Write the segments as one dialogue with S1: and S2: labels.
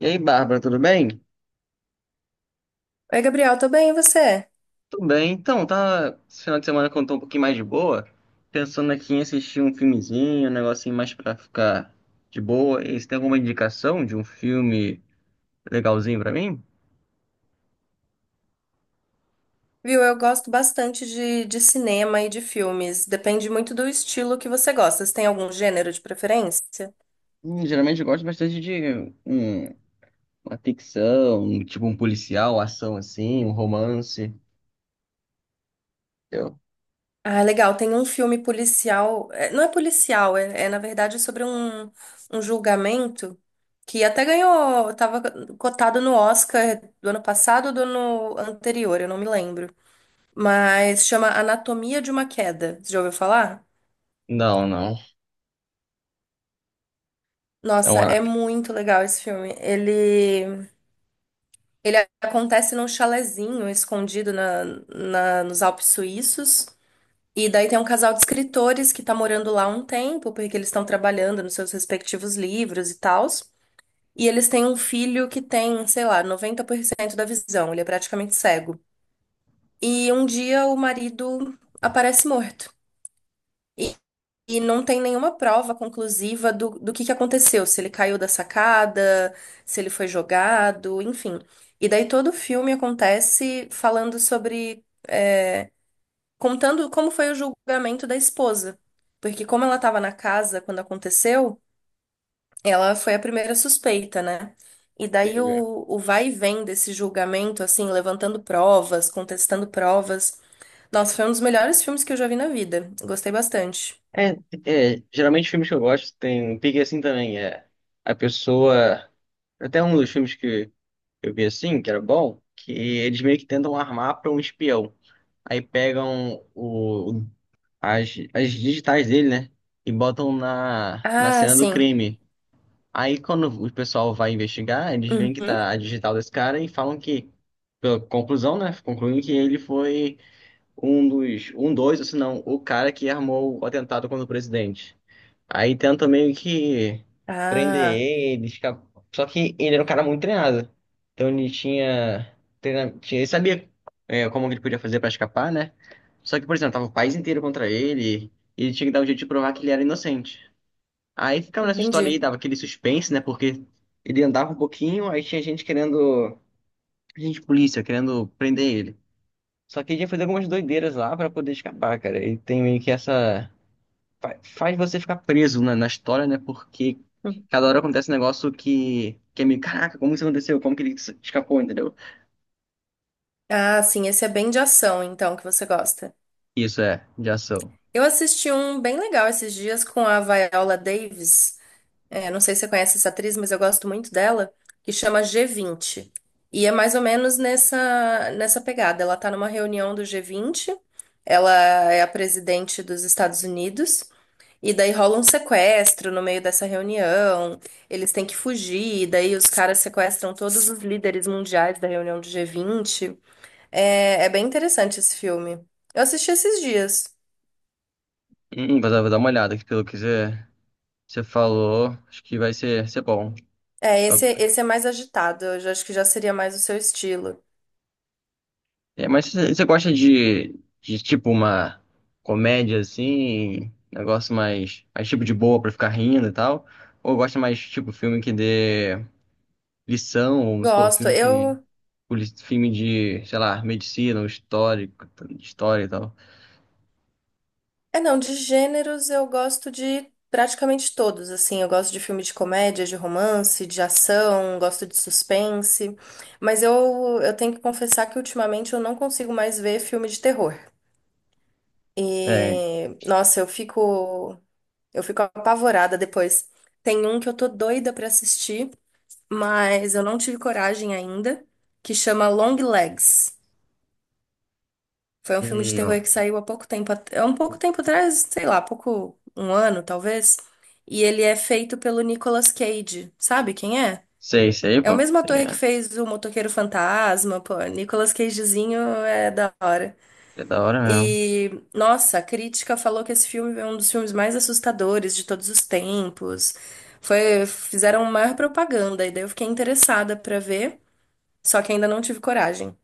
S1: E aí, Bárbara, tudo bem?
S2: Oi, Gabriel, tô bem, e você?
S1: Tudo bem. Então, tá. Esse final de semana que eu tô um pouquinho mais de boa, pensando aqui em assistir um filmezinho, um negocinho mais pra ficar de boa. E você tem alguma indicação de um filme legalzinho pra mim?
S2: Viu, eu gosto bastante de cinema e de filmes. Depende muito do estilo que você gosta. Você tem algum gênero de preferência?
S1: Geralmente eu gosto bastante de uma ficção, tipo um policial, ação assim, um romance. Eu...
S2: Ah, legal. Tem um filme policial. Não é policial, na verdade sobre um julgamento que até ganhou. Tava cotado no Oscar do ano passado ou do ano anterior, eu não me lembro. Mas chama Anatomia de uma Queda. Você já ouviu falar?
S1: Não, não. É
S2: Nossa, é
S1: uma.
S2: muito legal esse filme. Ele acontece num chalezinho escondido na, nos Alpes suíços. E daí tem um casal de escritores que tá morando lá há um tempo, porque eles estão trabalhando nos seus respectivos livros e tals. E eles têm um filho que tem, sei lá, 90% da visão, ele é praticamente cego. E um dia o marido aparece morto. E não tem nenhuma prova conclusiva do que aconteceu, se ele caiu da sacada, se ele foi jogado, enfim. E daí todo o filme acontece falando sobre, contando como foi o julgamento da esposa. Porque como ela estava na casa quando aconteceu, ela foi a primeira suspeita, né? E daí
S1: Entendi.
S2: o vai e vem desse julgamento, assim, levantando provas, contestando provas. Nossa, foi um dos melhores filmes que eu já vi na vida. Gostei bastante.
S1: É, é, geralmente filmes que eu gosto tem um pique assim também, é a pessoa, até um dos filmes que eu vi assim, que era bom, que eles meio que tentam armar para um espião. Aí pegam o, as digitais dele, né? E botam na
S2: Ah,
S1: cena do
S2: sim.
S1: crime. Aí quando o pessoal vai investigar, eles veem que
S2: Uhum.
S1: tá a digital desse cara e falam que, pela conclusão, né? Concluem que ele foi um dos, ou se não, o cara que armou o atentado contra o presidente. Aí tenta meio que prender
S2: Ah,
S1: ele, ficar... Só que ele era um cara muito treinado. Então ele tinha... tinha... Ele sabia como que ele podia fazer pra escapar, né? Só que, por exemplo, tava o país inteiro contra ele e ele tinha que dar um jeito de provar que ele era inocente. Aí ficava nessa história aí,
S2: entendi.
S1: dava aquele suspense, né? Porque ele andava um pouquinho, aí tinha gente querendo... Gente, de polícia, querendo prender ele. Só que ele ia fazer algumas doideiras lá pra poder escapar, cara. E tem meio que essa faz você ficar preso na história, né? Porque
S2: Hum.
S1: cada hora acontece um negócio que é meio, caraca, como isso aconteceu? Como que ele escapou, entendeu?
S2: Ah, sim, esse é bem de ação, então, que você gosta.
S1: Isso é, de ação.
S2: Eu assisti um bem legal esses dias com a Viola Davis. É, não sei se você conhece essa atriz, mas eu gosto muito dela, que chama G20. E é mais ou menos nessa pegada. Ela tá numa reunião do G20, ela é a presidente dos Estados Unidos. E daí rola um sequestro no meio dessa reunião, eles têm que fugir, e daí os caras sequestram todos os líderes mundiais da reunião do G20. É bem interessante esse filme. Eu assisti esses dias.
S1: Vou dar uma olhada, que você falou, acho que ser bom.
S2: É,
S1: Tá-
S2: esse é mais agitado, acho que já seria mais o seu estilo.
S1: É, mas você gosta de tipo uma comédia assim, negócio mais, mais tipo de boa pra ficar rindo e tal? Ou gosta mais tipo filme que dê lição, ou se for
S2: Gosto.
S1: filme que
S2: Eu.
S1: filme de, sei lá, medicina, ou histórico, história e tal.
S2: É, não, de gêneros eu gosto de praticamente todos, assim, eu gosto de filme de comédia, de romance, de ação, gosto de suspense, mas eu tenho que confessar que ultimamente eu não consigo mais ver filme de terror.
S1: É,
S2: E, nossa, eu fico apavorada depois. Tem um que eu tô doida pra assistir, mas eu não tive coragem ainda, que chama Long Legs. Foi um filme de terror
S1: não.
S2: que saiu há pouco tempo, há um pouco tempo atrás, sei lá, pouco, um ano talvez. E ele é feito pelo Nicolas Cage. Sabe quem é?
S1: Sei, sei,
S2: É o
S1: pô.
S2: mesmo
S1: Sei
S2: ator
S1: que
S2: que
S1: é,
S2: fez o Motoqueiro Fantasma, pô. Nicolas Cagezinho é da hora.
S1: é da hora mesmo.
S2: E, nossa, a crítica falou que esse filme é um dos filmes mais assustadores de todos os tempos. Foi, fizeram maior propaganda, e daí eu fiquei interessada pra ver, só que ainda não tive coragem.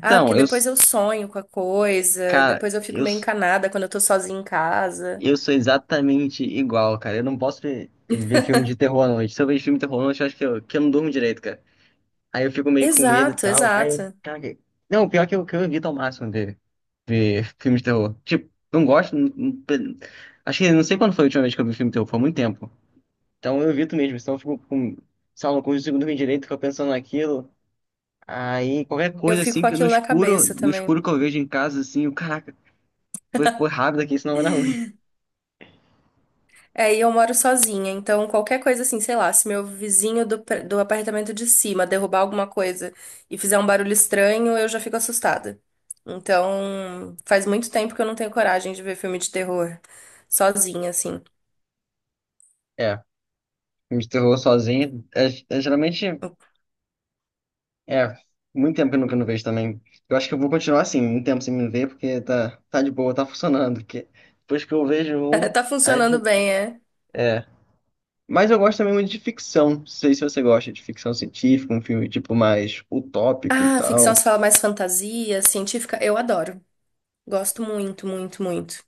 S2: Ah, porque
S1: eu,
S2: depois
S1: s-
S2: eu sonho com a coisa,
S1: cara,
S2: depois eu fico meio encanada quando eu tô sozinha em casa.
S1: eu sou exatamente igual, cara. Eu não posso ver filme de terror à noite. Se eu vejo filme de terror à noite, eu acho que eu não durmo direito, cara. Aí eu fico meio com medo e
S2: Exato,
S1: tal. Aí eu,
S2: exato.
S1: cara, que- não, o pior é que eu evito ao máximo ver filme de terror. Tipo, não gosto, acho que não sei quando foi a última vez que eu vi filme de terror, foi há muito tempo. Então eu evito mesmo, senão eu fico com, sei lá, não consigo dormir direito, fico pensando naquilo. Aí qualquer
S2: Eu
S1: coisa
S2: fico
S1: assim
S2: com
S1: que no
S2: aquilo na
S1: escuro,
S2: cabeça
S1: no
S2: também.
S1: escuro que eu vejo em casa, assim, eu, caraca, vou pôr rápido aqui, senão vai dar ruim.
S2: É, e eu moro sozinha, então qualquer coisa assim, sei lá, se meu vizinho do, do apartamento de cima derrubar alguma coisa e fizer um barulho estranho, eu já fico assustada. Então, faz muito tempo que eu não tenho coragem de ver filme de terror sozinha, assim.
S1: É, filme de terror sozinho, é, é, geralmente, é, muito tempo que eu não vejo também. Eu acho que eu vou continuar assim, um tempo sem me ver, porque tá, tá de boa, tá funcionando. Porque depois que eu vejo um,
S2: Tá
S1: aí eu
S2: funcionando
S1: fico,
S2: bem, é?
S1: é. Mas eu gosto também muito de ficção. Não sei se você gosta de ficção científica, um filme tipo mais utópico e
S2: Ah, ficção se
S1: tal.
S2: fala mais fantasia, científica, eu adoro. Gosto muito, muito, muito.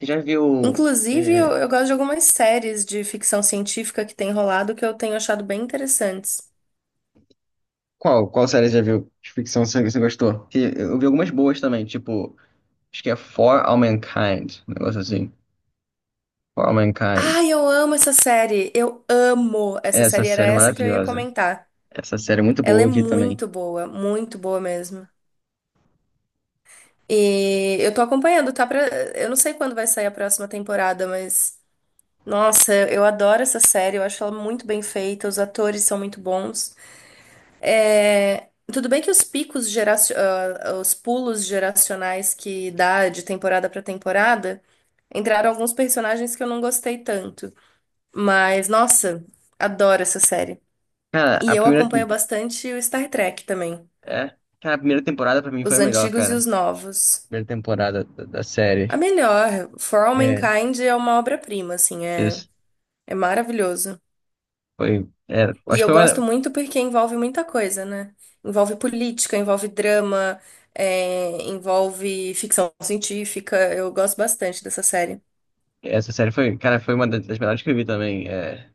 S1: Você já viu.
S2: Inclusive, eu,
S1: É,
S2: eu gosto de algumas séries de ficção científica que tem rolado que eu tenho achado bem interessantes.
S1: qual, qual série você já viu de ficção que você gostou? Que eu vi algumas boas também, tipo, acho que é For All Mankind, um negócio assim. For All Mankind.
S2: Ai, eu amo essa série! Eu amo essa
S1: Essa
S2: série, era
S1: série é
S2: essa que eu ia
S1: maravilhosa.
S2: comentar.
S1: Essa série é muito
S2: Ela
S1: boa,
S2: é
S1: eu vi também.
S2: muito boa mesmo. E eu tô acompanhando, tá pra... Eu não sei quando vai sair a próxima temporada, mas... Nossa, eu adoro essa série, eu acho ela muito bem feita, os atores são muito bons. É, tudo bem que os os pulos geracionais que dá de temporada pra temporada, entraram alguns personagens que eu não gostei tanto. Mas, nossa, adoro essa série.
S1: Cara,
S2: E
S1: a
S2: eu
S1: primeira.
S2: acompanho bastante o Star Trek também,
S1: É, cara, a primeira temporada pra mim foi a
S2: os
S1: melhor,
S2: antigos e
S1: cara.
S2: os novos.
S1: Primeira temporada da
S2: A
S1: série.
S2: melhor, For All
S1: É,
S2: Mankind é uma obra-prima, assim,
S1: isso.
S2: é maravilhoso.
S1: Foi. É,
S2: E
S1: acho que
S2: eu
S1: foi
S2: gosto
S1: uma.
S2: muito porque envolve muita coisa, né? Envolve política, envolve drama, envolve ficção científica. Eu gosto bastante dessa série.
S1: Essa série foi, cara, foi uma das melhores que eu vi também. É.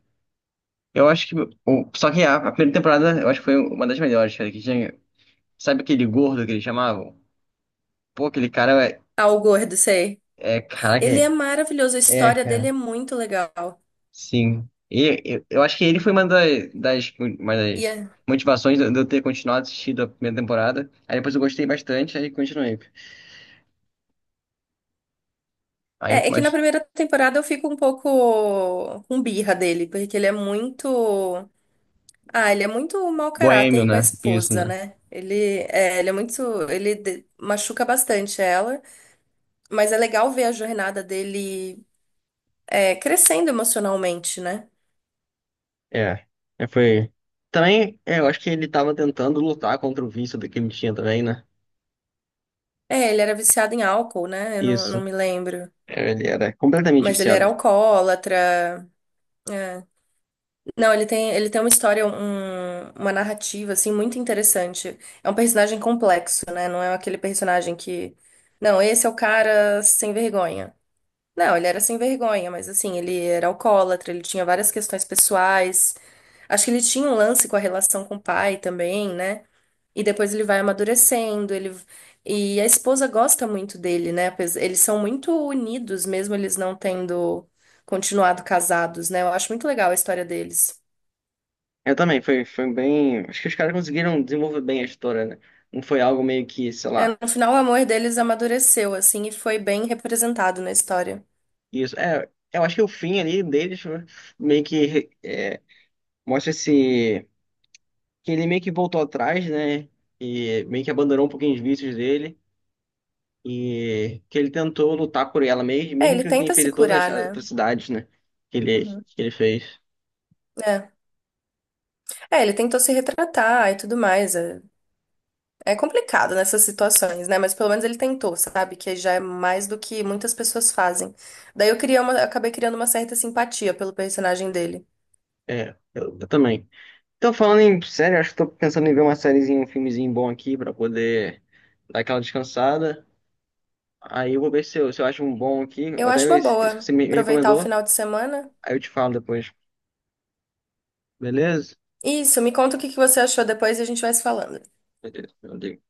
S1: Eu acho que. Só que a primeira temporada, eu acho que foi uma das melhores, cara, que tinha. Sabe aquele gordo que eles chamavam? Pô, aquele cara é.
S2: Ah, o Gordo, sei.
S1: É caraca,
S2: Ele é
S1: é,
S2: maravilhoso, a
S1: é,
S2: história dele é
S1: cara.
S2: muito legal.
S1: Sim. E, eu acho que ele foi uma uma
S2: E
S1: das
S2: é,
S1: motivações de eu ter continuado assistindo a primeira temporada. Aí depois eu gostei bastante, aí continuei. Aí eu
S2: é
S1: fico
S2: que na
S1: mais
S2: primeira temporada eu fico um pouco com birra dele, porque ele é muito. Ah, ele é muito mau
S1: boêmio,
S2: caráter com a
S1: né? Isso,
S2: esposa,
S1: né?
S2: né? Ele é muito. Machuca bastante ela. Mas é legal ver a jornada dele crescendo emocionalmente, né?
S1: É. É, foi. Também, é, eu acho que ele tava tentando lutar contra o vício do que ele tinha também, né?
S2: É, ele era viciado em álcool, né? Eu não, não
S1: Isso.
S2: me lembro.
S1: É, ele era completamente
S2: Mas ele
S1: viciado.
S2: era alcoólatra. É. Não, ele tem uma história, uma narrativa, assim, muito interessante. É um personagem complexo, né? Não é aquele personagem que. Não, esse é o cara sem vergonha. Não, ele era sem vergonha, mas assim, ele era alcoólatra, ele tinha várias questões pessoais. Acho que ele tinha um lance com a relação com o pai também, né? E depois ele vai amadurecendo, ele e a esposa gosta muito dele, né? Eles são muito unidos, mesmo eles não tendo continuado casados, né? Eu acho muito legal a história deles.
S1: Eu também, foi, foi bem. Acho que os caras conseguiram desenvolver bem a história, né? Não foi algo meio que, sei
S2: É,
S1: lá.
S2: no final, o amor deles amadureceu, assim, e foi bem representado na história.
S1: Isso. É, eu acho que o fim ali deles foi meio que é, mostra esse. Que ele meio que voltou atrás, né? E meio que abandonou um pouquinho os vícios dele. E que ele tentou lutar por ela mesmo,
S2: É,
S1: mesmo
S2: ele
S1: que ele tenha
S2: tenta se
S1: feito todas
S2: curar,
S1: as
S2: né?
S1: atrocidades, né?
S2: Uhum.
S1: Que ele fez.
S2: É. É, ele tentou se retratar e tudo mais. É. É complicado nessas situações, né? Mas pelo menos ele tentou, sabe? Que já é mais do que muitas pessoas fazem. Daí eu acabei criando uma certa simpatia pelo personagem dele.
S1: É, eu também. Então, falando em série, acho que tô pensando em ver uma sériezinha, um filmezinho bom aqui pra poder dar aquela descansada. Aí eu vou ver se eu acho um bom aqui, ou
S2: Eu
S1: até
S2: acho uma
S1: esse que
S2: boa
S1: você me
S2: aproveitar o
S1: recomendou,
S2: final de semana.
S1: aí eu te falo depois. Beleza?
S2: Isso, me conta o que que você achou depois e a gente vai se falando.
S1: Beleza. Meu Deus.